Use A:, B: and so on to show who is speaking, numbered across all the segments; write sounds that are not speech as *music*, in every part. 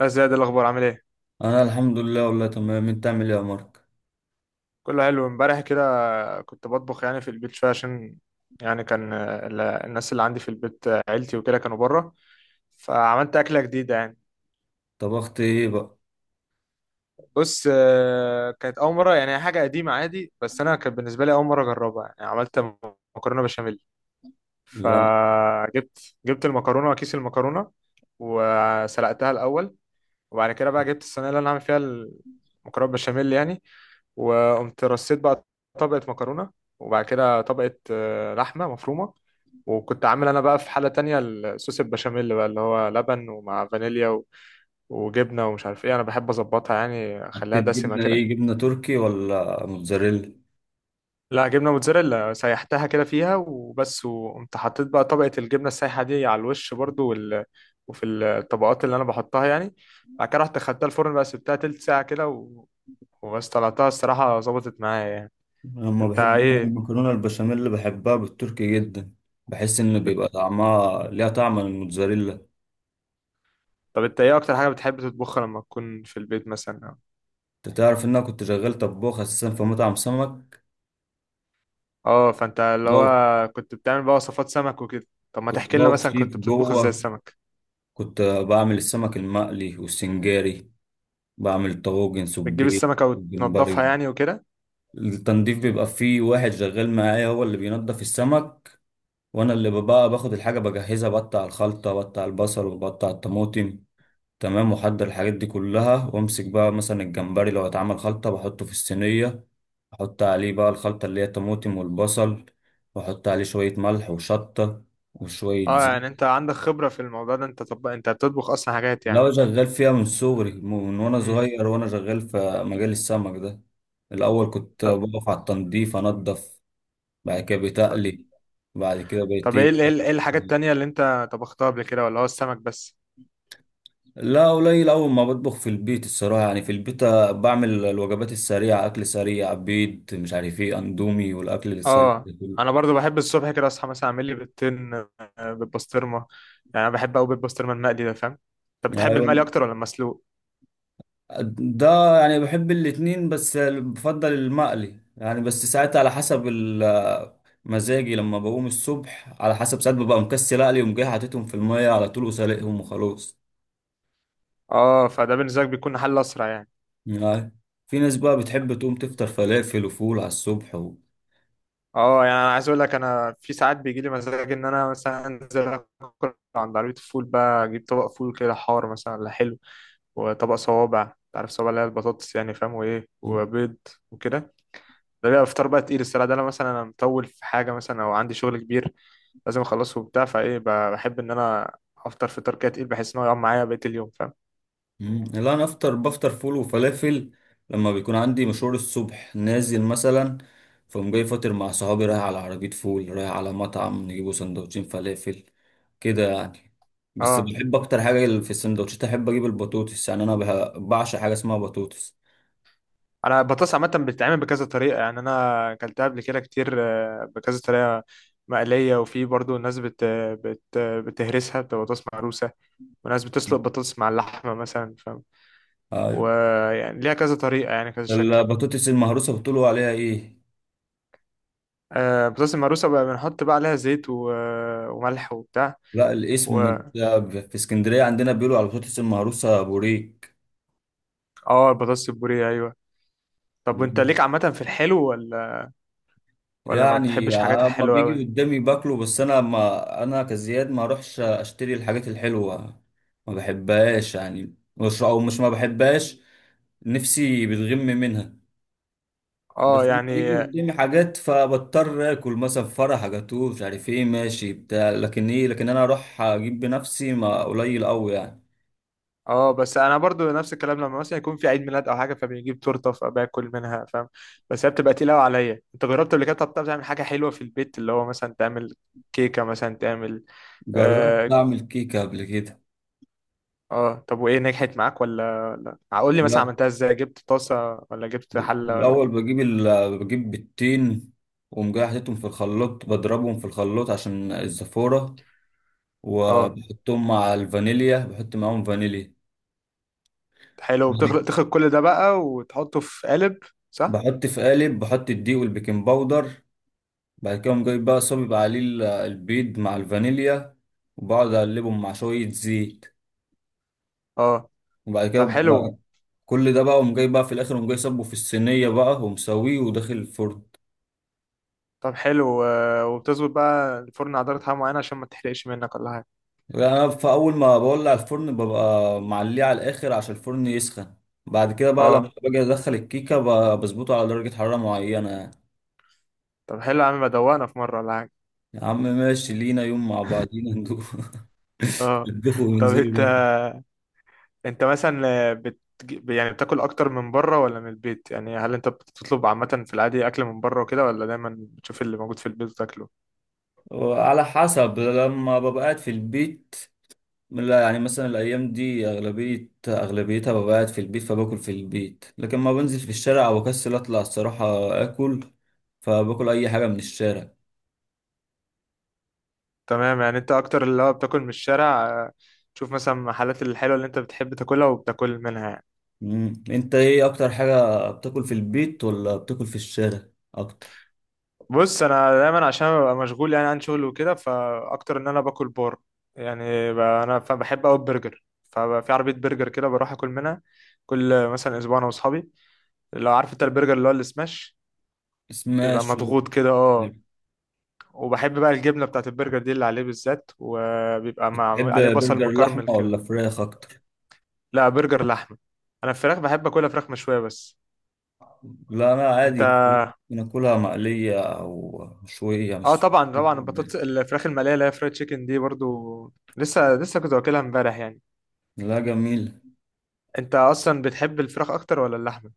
A: يا زياد، إيه الأخبار؟ عامل إيه؟
B: انا الحمد لله، والله تمام. انت عامل ايه يا مارك؟
A: كله حلو. امبارح كده كنت بطبخ يعني في البيت شوية، عشان يعني كان الناس اللي عندي في البيت، عيلتي وكده، كانوا بره. فعملت أكلة جديدة يعني.
B: طبخت ايه بقى؟
A: بص، كانت أول مرة. يعني هي حاجة قديمة عادي بس أنا كانت بالنسبة لي أول مرة أجربها. يعني عملت مكرونة بشاميل.
B: لا.
A: فجبت المكرونة وكيس المكرونة، وسلقتها الأول. وبعد كده بقى جبت الصينيه اللي انا عامل فيها المكرونه بشاميل يعني، وقمت رصيت بقى طبقه مكرونه، وبعد كده طبقه لحمه مفرومه. وكنت عامل انا بقى في حله تانية الصوص البشاميل بقى، اللي هو لبن ومع فانيليا وجبنه ومش عارف ايه. انا بحب اظبطها يعني، اخليها
B: حطيت
A: دسمه
B: جبنه
A: كده.
B: ايه، جبنه تركي ولا موتزاريلا؟
A: لا، جبنه موتزاريلا سيحتها كده فيها وبس، وقمت حطيت بقى طبقه الجبنه السايحه دي على الوش برضو، وفي الطبقات اللي انا بحطها يعني. بعد كده رحت خدتها الفرن بقى، سبتها تلت ساعه كده وبس. طلعتها، الصراحة ظبطت معايا يعني.
B: أنا لما
A: انت
B: بحب أعمل
A: ايه
B: المكرونه البشاميل، اللي بحبها بالتركي جدا. بحس ان
A: بت...
B: بيبقى طعمها، ليها طعم من الموتزاريلا.
A: طب انت ايه اكتر حاجة بتحب تطبخها لما تكون في البيت مثلا؟
B: انت تعرف ان انا كنت شغال طباخ اساسا في مطعم سمك.
A: اه، فانت اللي
B: بقف.
A: هو كنت بتعمل بقى وصفات سمك وكده. طب ما
B: كنت
A: تحكي لنا
B: بقف
A: مثلا كنت
B: شيف
A: بتطبخ ازاي
B: جوه.
A: السمك؟
B: كنت بعمل السمك المقلي والسنجاري. بعمل طواجن
A: بتجيب
B: سبيط.
A: السمكة
B: الجمبري.
A: وتنضفها يعني وكده؟
B: التنظيف بيبقى فيه واحد شغال معايا، هو اللي بينضف السمك. وانا اللي بقى باخد الحاجه بجهزها، بقطع الخلطه، بقطع البصل، وبقطع الطماطم. تمام، واحضر الحاجات دي كلها، وامسك بقى مثلا الجمبري، لو هيتعمل خلطه بحطه في الصينيه. احط عليه بقى الخلطه اللي هي الطماطم والبصل. واحط عليه شويه ملح وشطه. وشويه
A: اه،
B: زيت.
A: يعني انت عندك خبرة في الموضوع ده. انت طب انت بتطبخ اصلا حاجات يعني؟
B: لو شغال فيها من صغري من وانا
A: امم.
B: صغير، وانا شغال في مجال السمك ده. الاول كنت
A: طب.
B: بقف على التنظيف، انضف. بعد كده
A: طب.
B: بتقلي. بعد كده بقيت
A: طب، ايه
B: إيه؟
A: ايه ايه الحاجات التانية اللي انت طبختها قبل كده، ولا هو السمك بس؟
B: لا، قليل أول ما بطبخ في البيت الصراحة، يعني في البيت بعمل الوجبات السريعة، أكل سريع، بيض، مش عارف إيه، أندومي، والأكل السريع
A: اه،
B: ده
A: انا
B: كله.
A: برضو بحب الصبح كده اصحى، مثلا اعمل لي بيضتين بالبسطرمه. يعني انا بحب قوي بيض بسطرمه المقلي ده، فاهم؟ انت بتحب المقلي
B: أيوة.
A: اكتر ولا المسلوق؟
B: ده يعني بحب الاتنين، بس بفضل المقلي يعني. بس ساعات على حسب مزاجي، لما بقوم الصبح، على حسب ساعات ببقى مكسل أقلي، وقوم جاي حاططهم في المية على طول وسلقهم وخلاص.
A: اه، فده بالنسبه لك بيكون حل اسرع يعني.
B: يعني في ناس بقى بتحب تقوم تفطر فلافل وفول على الصبح
A: اه، يعني انا عايز اقول لك، انا في ساعات بيجي لي مزاج ان انا مثلا انزل اكل عند عربيه الفول بقى، اجيب طبق فول كده حار مثلا ولا حلو، وطبق صوابع، انت عارف صوابع اللي هي البطاطس يعني، فاهم، وايه وبيض وكده. ده بيبقى فطار بقى تقيل، الصراحة ده انا مثلا انا مطول في حاجة مثلا او عندي شغل كبير لازم اخلصه وبتاع، فايه بحب ان انا افطر فطار كده، تقيل بحيث ان هو يقعد معايا بقية اليوم، فاهم.
B: مم، لا، انا بفطر فول وفلافل لما بيكون عندي مشوار الصبح نازل مثلا. فقوم جاي فاطر مع صحابي، رايح على عربية فول، رايح على مطعم نجيبه سندوتشين فلافل كده يعني. بس
A: اه،
B: بحب اكتر حاجة في السندوتشات احب اجيب البطوطس، يعني انا بعشق حاجة اسمها بطوطس.
A: انا البطاطس عامة بتتعمل بكذا طريقة، يعني انا اكلتها قبل كده كتير، بكذا طريقة، مقلية، وفي برضو الناس بتهرسها، بتبقى بطاطس مهروسة، وناس بتسلق
B: مم.
A: بطاطس مع اللحمة مثلا، فاهم.
B: ايوه.
A: ويعني ليها كذا طريقة يعني كذا شكل.
B: البطوطس المهروسة بتقولوا عليها ايه؟
A: البطاطس المهروسة بقى بنحط بقى عليها زيت وملح وبتاع.
B: لا، الاسم في اسكندرية عندنا بيقولوا على البطوطس المهروسة بوريك.
A: اه، البطاطس البوريه، ايوه. طب وانت ليك عامه في الحلو ولا؟ ولا ما
B: يعني
A: بتحبش حاجات
B: اما
A: الحلوه قوي؟
B: بيجي قدامي باكله، بس انا ما انا كزياد ما اروحش اشتري الحاجات الحلوه. ما بحبهاش يعني، مش ما بحبهاش. نفسي بتغم منها.
A: اه
B: بس لما
A: يعني.
B: بيجي قدامي حاجات فبضطر اكل، مثلا فرح، جاتوه، مش عارف ايه، ماشي بتاع، لكن انا اروح اجيب بنفسي، ما قليل قوي يعني.
A: اه، بس انا برضو نفس الكلام، لما مثلا يكون في عيد ميلاد او حاجه فبنجيب تورته فباكل منها، فاهم. بس هي بتبقى تقيله قوي عليا. انت جربت قبل كده؟ طب بتعرف تعمل حاجه حلوه في البيت، اللي هو مثلا تعمل كيكه مثلا تعمل؟
B: جربت
A: اه.
B: اعمل كيكه قبل كده.
A: آه. طب وايه، نجحت معاك ولا؟ لا، قول لي مثلا عملتها ازاي؟ جبت طاسه ولا جبت حله ولا
B: الأول
A: جبت؟
B: بجيب بجيب بيضتين. وأقوم جاي حاططهم في الخلاط، بضربهم في الخلاط عشان الزفورة.
A: اه،
B: وبحطهم مع الفانيليا، بحط معاهم فانيليا.
A: حلو. بتخلط كل ده بقى وتحطه في قالب، صح؟
B: بحط في قالب، بحط الدقيق والبيكنج باودر. بعد كده أقوم جايب بقى، صابب عليه البيض مع الفانيليا. وبقعد أقلبهم مع شوية زيت.
A: اه،
B: وبعد كده
A: طب
B: بقى
A: حلو.
B: كل ده بقى، أقوم جاي بقى في الآخر، أقوم جاي صبه في الصينية بقى ومسويه وداخل الفرن.
A: طب حلو، وبتظبط بقى الفرن على درجة حرارة معينة عشان ما تحرقش منك ولا حاجة؟
B: يعني انا في اول ما بولع الفرن ببقى معليه على الاخر عشان الفرن يسخن. بعد كده بقى لما
A: اه.
B: باجي ادخل الكيكه بظبطه على درجه حراره معينه يعني.
A: طب حلو يا عم، بدوقنا في مرة ولا حاجة؟
B: يا عم ماشي لينا يوم مع بعضينا ندوخ. *laughs*
A: اه.
B: نطبخوا
A: طب
B: وننزلوا
A: انت
B: بقى.
A: انت مثلا يعني بتاكل اكتر من بره ولا من البيت؟ يعني هل انت بتطلب عامة في العادي اكل من بره وكده، ولا دايما بتشوف اللي موجود في البيت وتاكله؟
B: وعلى حسب لما ببقى قاعد في البيت. لا، يعني مثلا الايام دي اغلبيتها ببقى قاعد في البيت، فباكل في البيت. لكن ما بنزل في الشارع، او اكسل اطلع الصراحه اكل، فباكل اي حاجه من الشارع.
A: تمام. يعني انت اكتر اللي هو بتاكل من الشارع، تشوف مثلا المحلات الحلوة اللي انت بتحب تاكلها وبتاكل منها يعني.
B: مم. انت ايه اكتر حاجة بتاكل، في البيت ولا بتاكل في الشارع اكتر؟
A: بص، انا دايما عشان ببقى مشغول يعني عن شغل وكده، فاكتر ان انا باكل بار يعني. انا بحب اوي البرجر، ففي عربيه برجر كده بروح اكل منها كل مثلا اسبوع انا واصحابي. لو عارف انت البرجر اللي هو السماش، بيبقى
B: سماش.
A: مضغوط كده. اه. وبحب بقى الجبنه بتاعت البرجر دي اللي عليه بالذات، وبيبقى مع
B: بتحب
A: عليه بصل
B: برجر لحمة
A: مكرمل كده.
B: ولا فراخ اكتر؟
A: لا، برجر لحمه. انا الفراخ بحب اكلها فراخ مشويه بس.
B: لا، انا
A: انت؟
B: عادي فراخ. بناكلها مقلية او مشوية،
A: اه،
B: مش...
A: طبعا طبعا. البطاطس، الفراخ المقليه اللي هي فرايد تشيكن دي برضو، لسه لسه كنت واكلها امبارح يعني.
B: لا، جميل.
A: انت اصلا بتحب الفراخ اكتر ولا اللحمه؟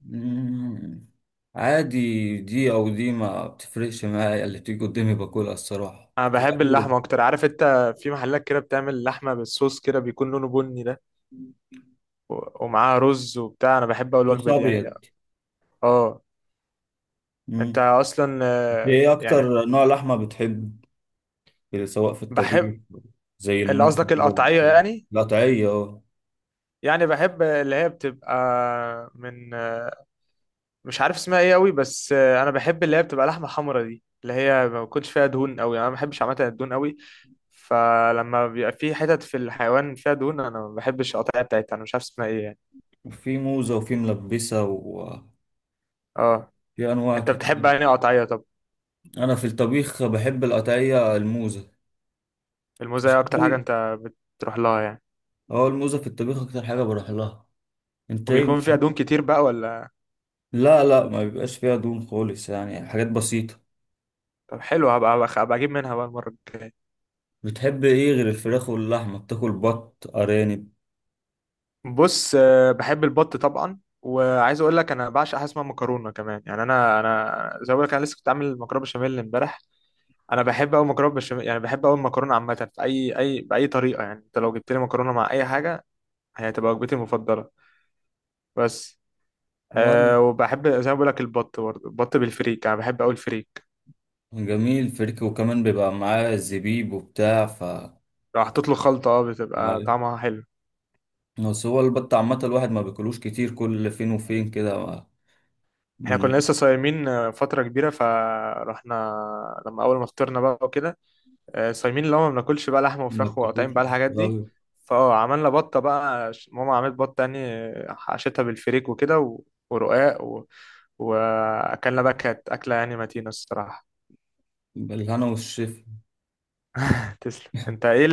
B: مم. عادي، دي او دي ما بتفرقش معايا، اللي بتيجي قدامي باكلها الصراحة
A: انا
B: في
A: بحب
B: الاكل.
A: اللحمه اكتر، عارف انت، في محلات كده بتعمل لحمه بالصوص كده بيكون لونه بني ده، ومعاها رز وبتاع. انا بحب اول
B: صوص
A: الوجبه دي يعني.
B: ابيض.
A: اه. انت
B: مم.
A: اصلا
B: ايه
A: يعني
B: اكتر نوع لحمة بتحب، كده، سواء في
A: بحب
B: الطبيخ؟ زي
A: اللي
B: الموز
A: قصدك
B: كده.
A: القطعيه يعني؟
B: القطعية، اه.
A: يعني بحب اللي هي بتبقى من مش عارف اسمها ايه قوي بس، انا بحب اللي هي بتبقى لحمه حمرا دي، اللي هي ما بيكونش فيها دهون قوي، انا ما بحبش عامه الدهون قوي. فلما بيبقى في حتت في الحيوان فيها دهون، انا ما بحبش القطعيه بتاعتها، انا مش عارف اسمها ايه يعني.
B: في موزة، وفي ملبسة، وفي
A: اه.
B: أنواع
A: انت بتحب
B: كتير.
A: يعني قطعيه طب
B: أنا في الطبيخ بحب القطعية الموزة. في
A: الموزاية اكتر حاجه
B: الشوي،
A: انت بتروح لها يعني؟
B: اه الموزة في الطبيخ أكتر حاجة بروح لها. أنت إيه
A: وبيكون فيها
B: بتحب؟
A: دهون كتير بقى ولا؟
B: لا لا، ما بيبقاش فيها دهون خالص، يعني حاجات بسيطة.
A: طب حلو. هبقى اجيب منها بقى المره الجايه.
B: بتحب إيه غير الفراخ واللحمة؟ بتاكل بط، أرانب؟
A: بص، بحب البط طبعا. وعايز اقول لك، انا بعشق حاجه اسمها مكرونه كمان يعني. انا زي ما بقول لك، انا لسه كنت عامل مكرونه بشاميل امبارح. انا بحب قوي مكرونه بشاميل. يعني بحب قوي المكرونه عامه في اي باي طريقه يعني. انت لو جبت لي مكرونه مع اي حاجه، هي هتبقى وجبتي المفضله. بس
B: وأنا.
A: وبحب زي ما بقول لك البط. برضه البط بالفريك، انا بحب قوي الفريك.
B: جميل. فريك وكمان بيبقى معاه زبيب وبتاع
A: لو حطيت له خلطه بتبقى طعمها حلو.
B: بس هو البط عامة الواحد ما بياكلوش كتير، كل فين وفين كده.
A: احنا
B: م-
A: كنا لسه صايمين فتره كبيره، فرحنا لما اول ما فطرنا بقى وكده. صايمين اللي هو ما بناكلش بقى لحمه
B: ما
A: وفراخ
B: بتاكلوش.
A: وقطعين بقى الحاجات دي.
B: أيوة.
A: عملنا بطه بقى، ماما عملت بطه يعني، حشتها بالفريك وكده ورقاق واكلنا بقى. كانت اكله يعني متينه الصراحه.
B: بالهنا والشفا.
A: *laughs* تسلم.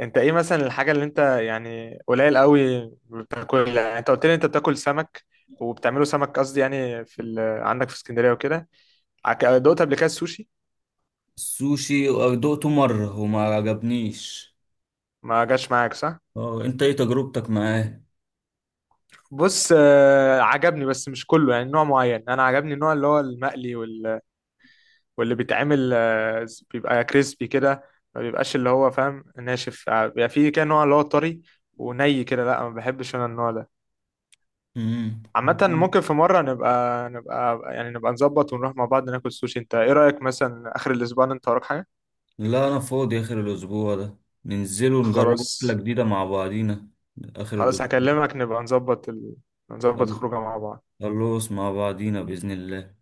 A: انت ايه مثلا الحاجة اللي انت يعني قليل قوي بتاكلها؟ يعني انت قلت لي انت بتاكل سمك وبتعمله سمك، قصدي يعني في عندك في اسكندرية وكده. دقت قبل كده السوشي؟
B: السوشي؟ دقته مرة وما عجبنيش.
A: ما جاش معاك صح؟
B: اه، انت ايه تجربتك معاه؟
A: بص، عجبني بس مش كله، يعني نوع معين انا عجبني، النوع اللي هو المقلي واللي بيتعمل بيبقى كريسبي كده. ما بيبقاش اللي هو، فاهم، ناشف، بيبقى فيه كده نوع اللي هو طري وني كده. لا ما بحبش انا النوع ده.
B: مم.
A: عامة
B: مم.
A: ممكن في مرة نبقى يعني نبقى نظبط ونروح مع بعض ناكل سوشي. انت ايه رأيك مثلا، اخر الاسبوع ده انت وراك حاجة؟
B: لا، انا فاضي اخر الاسبوع ده. ننزلوا نجربوا اكلة
A: خلاص.
B: جديدة مع بعضينا. اخر
A: خلاص،
B: الاسبوع.
A: هكلمك نبقى نظبط نظبط خروجه مع بعض.
B: خلص مع بعضينا بإذن الله.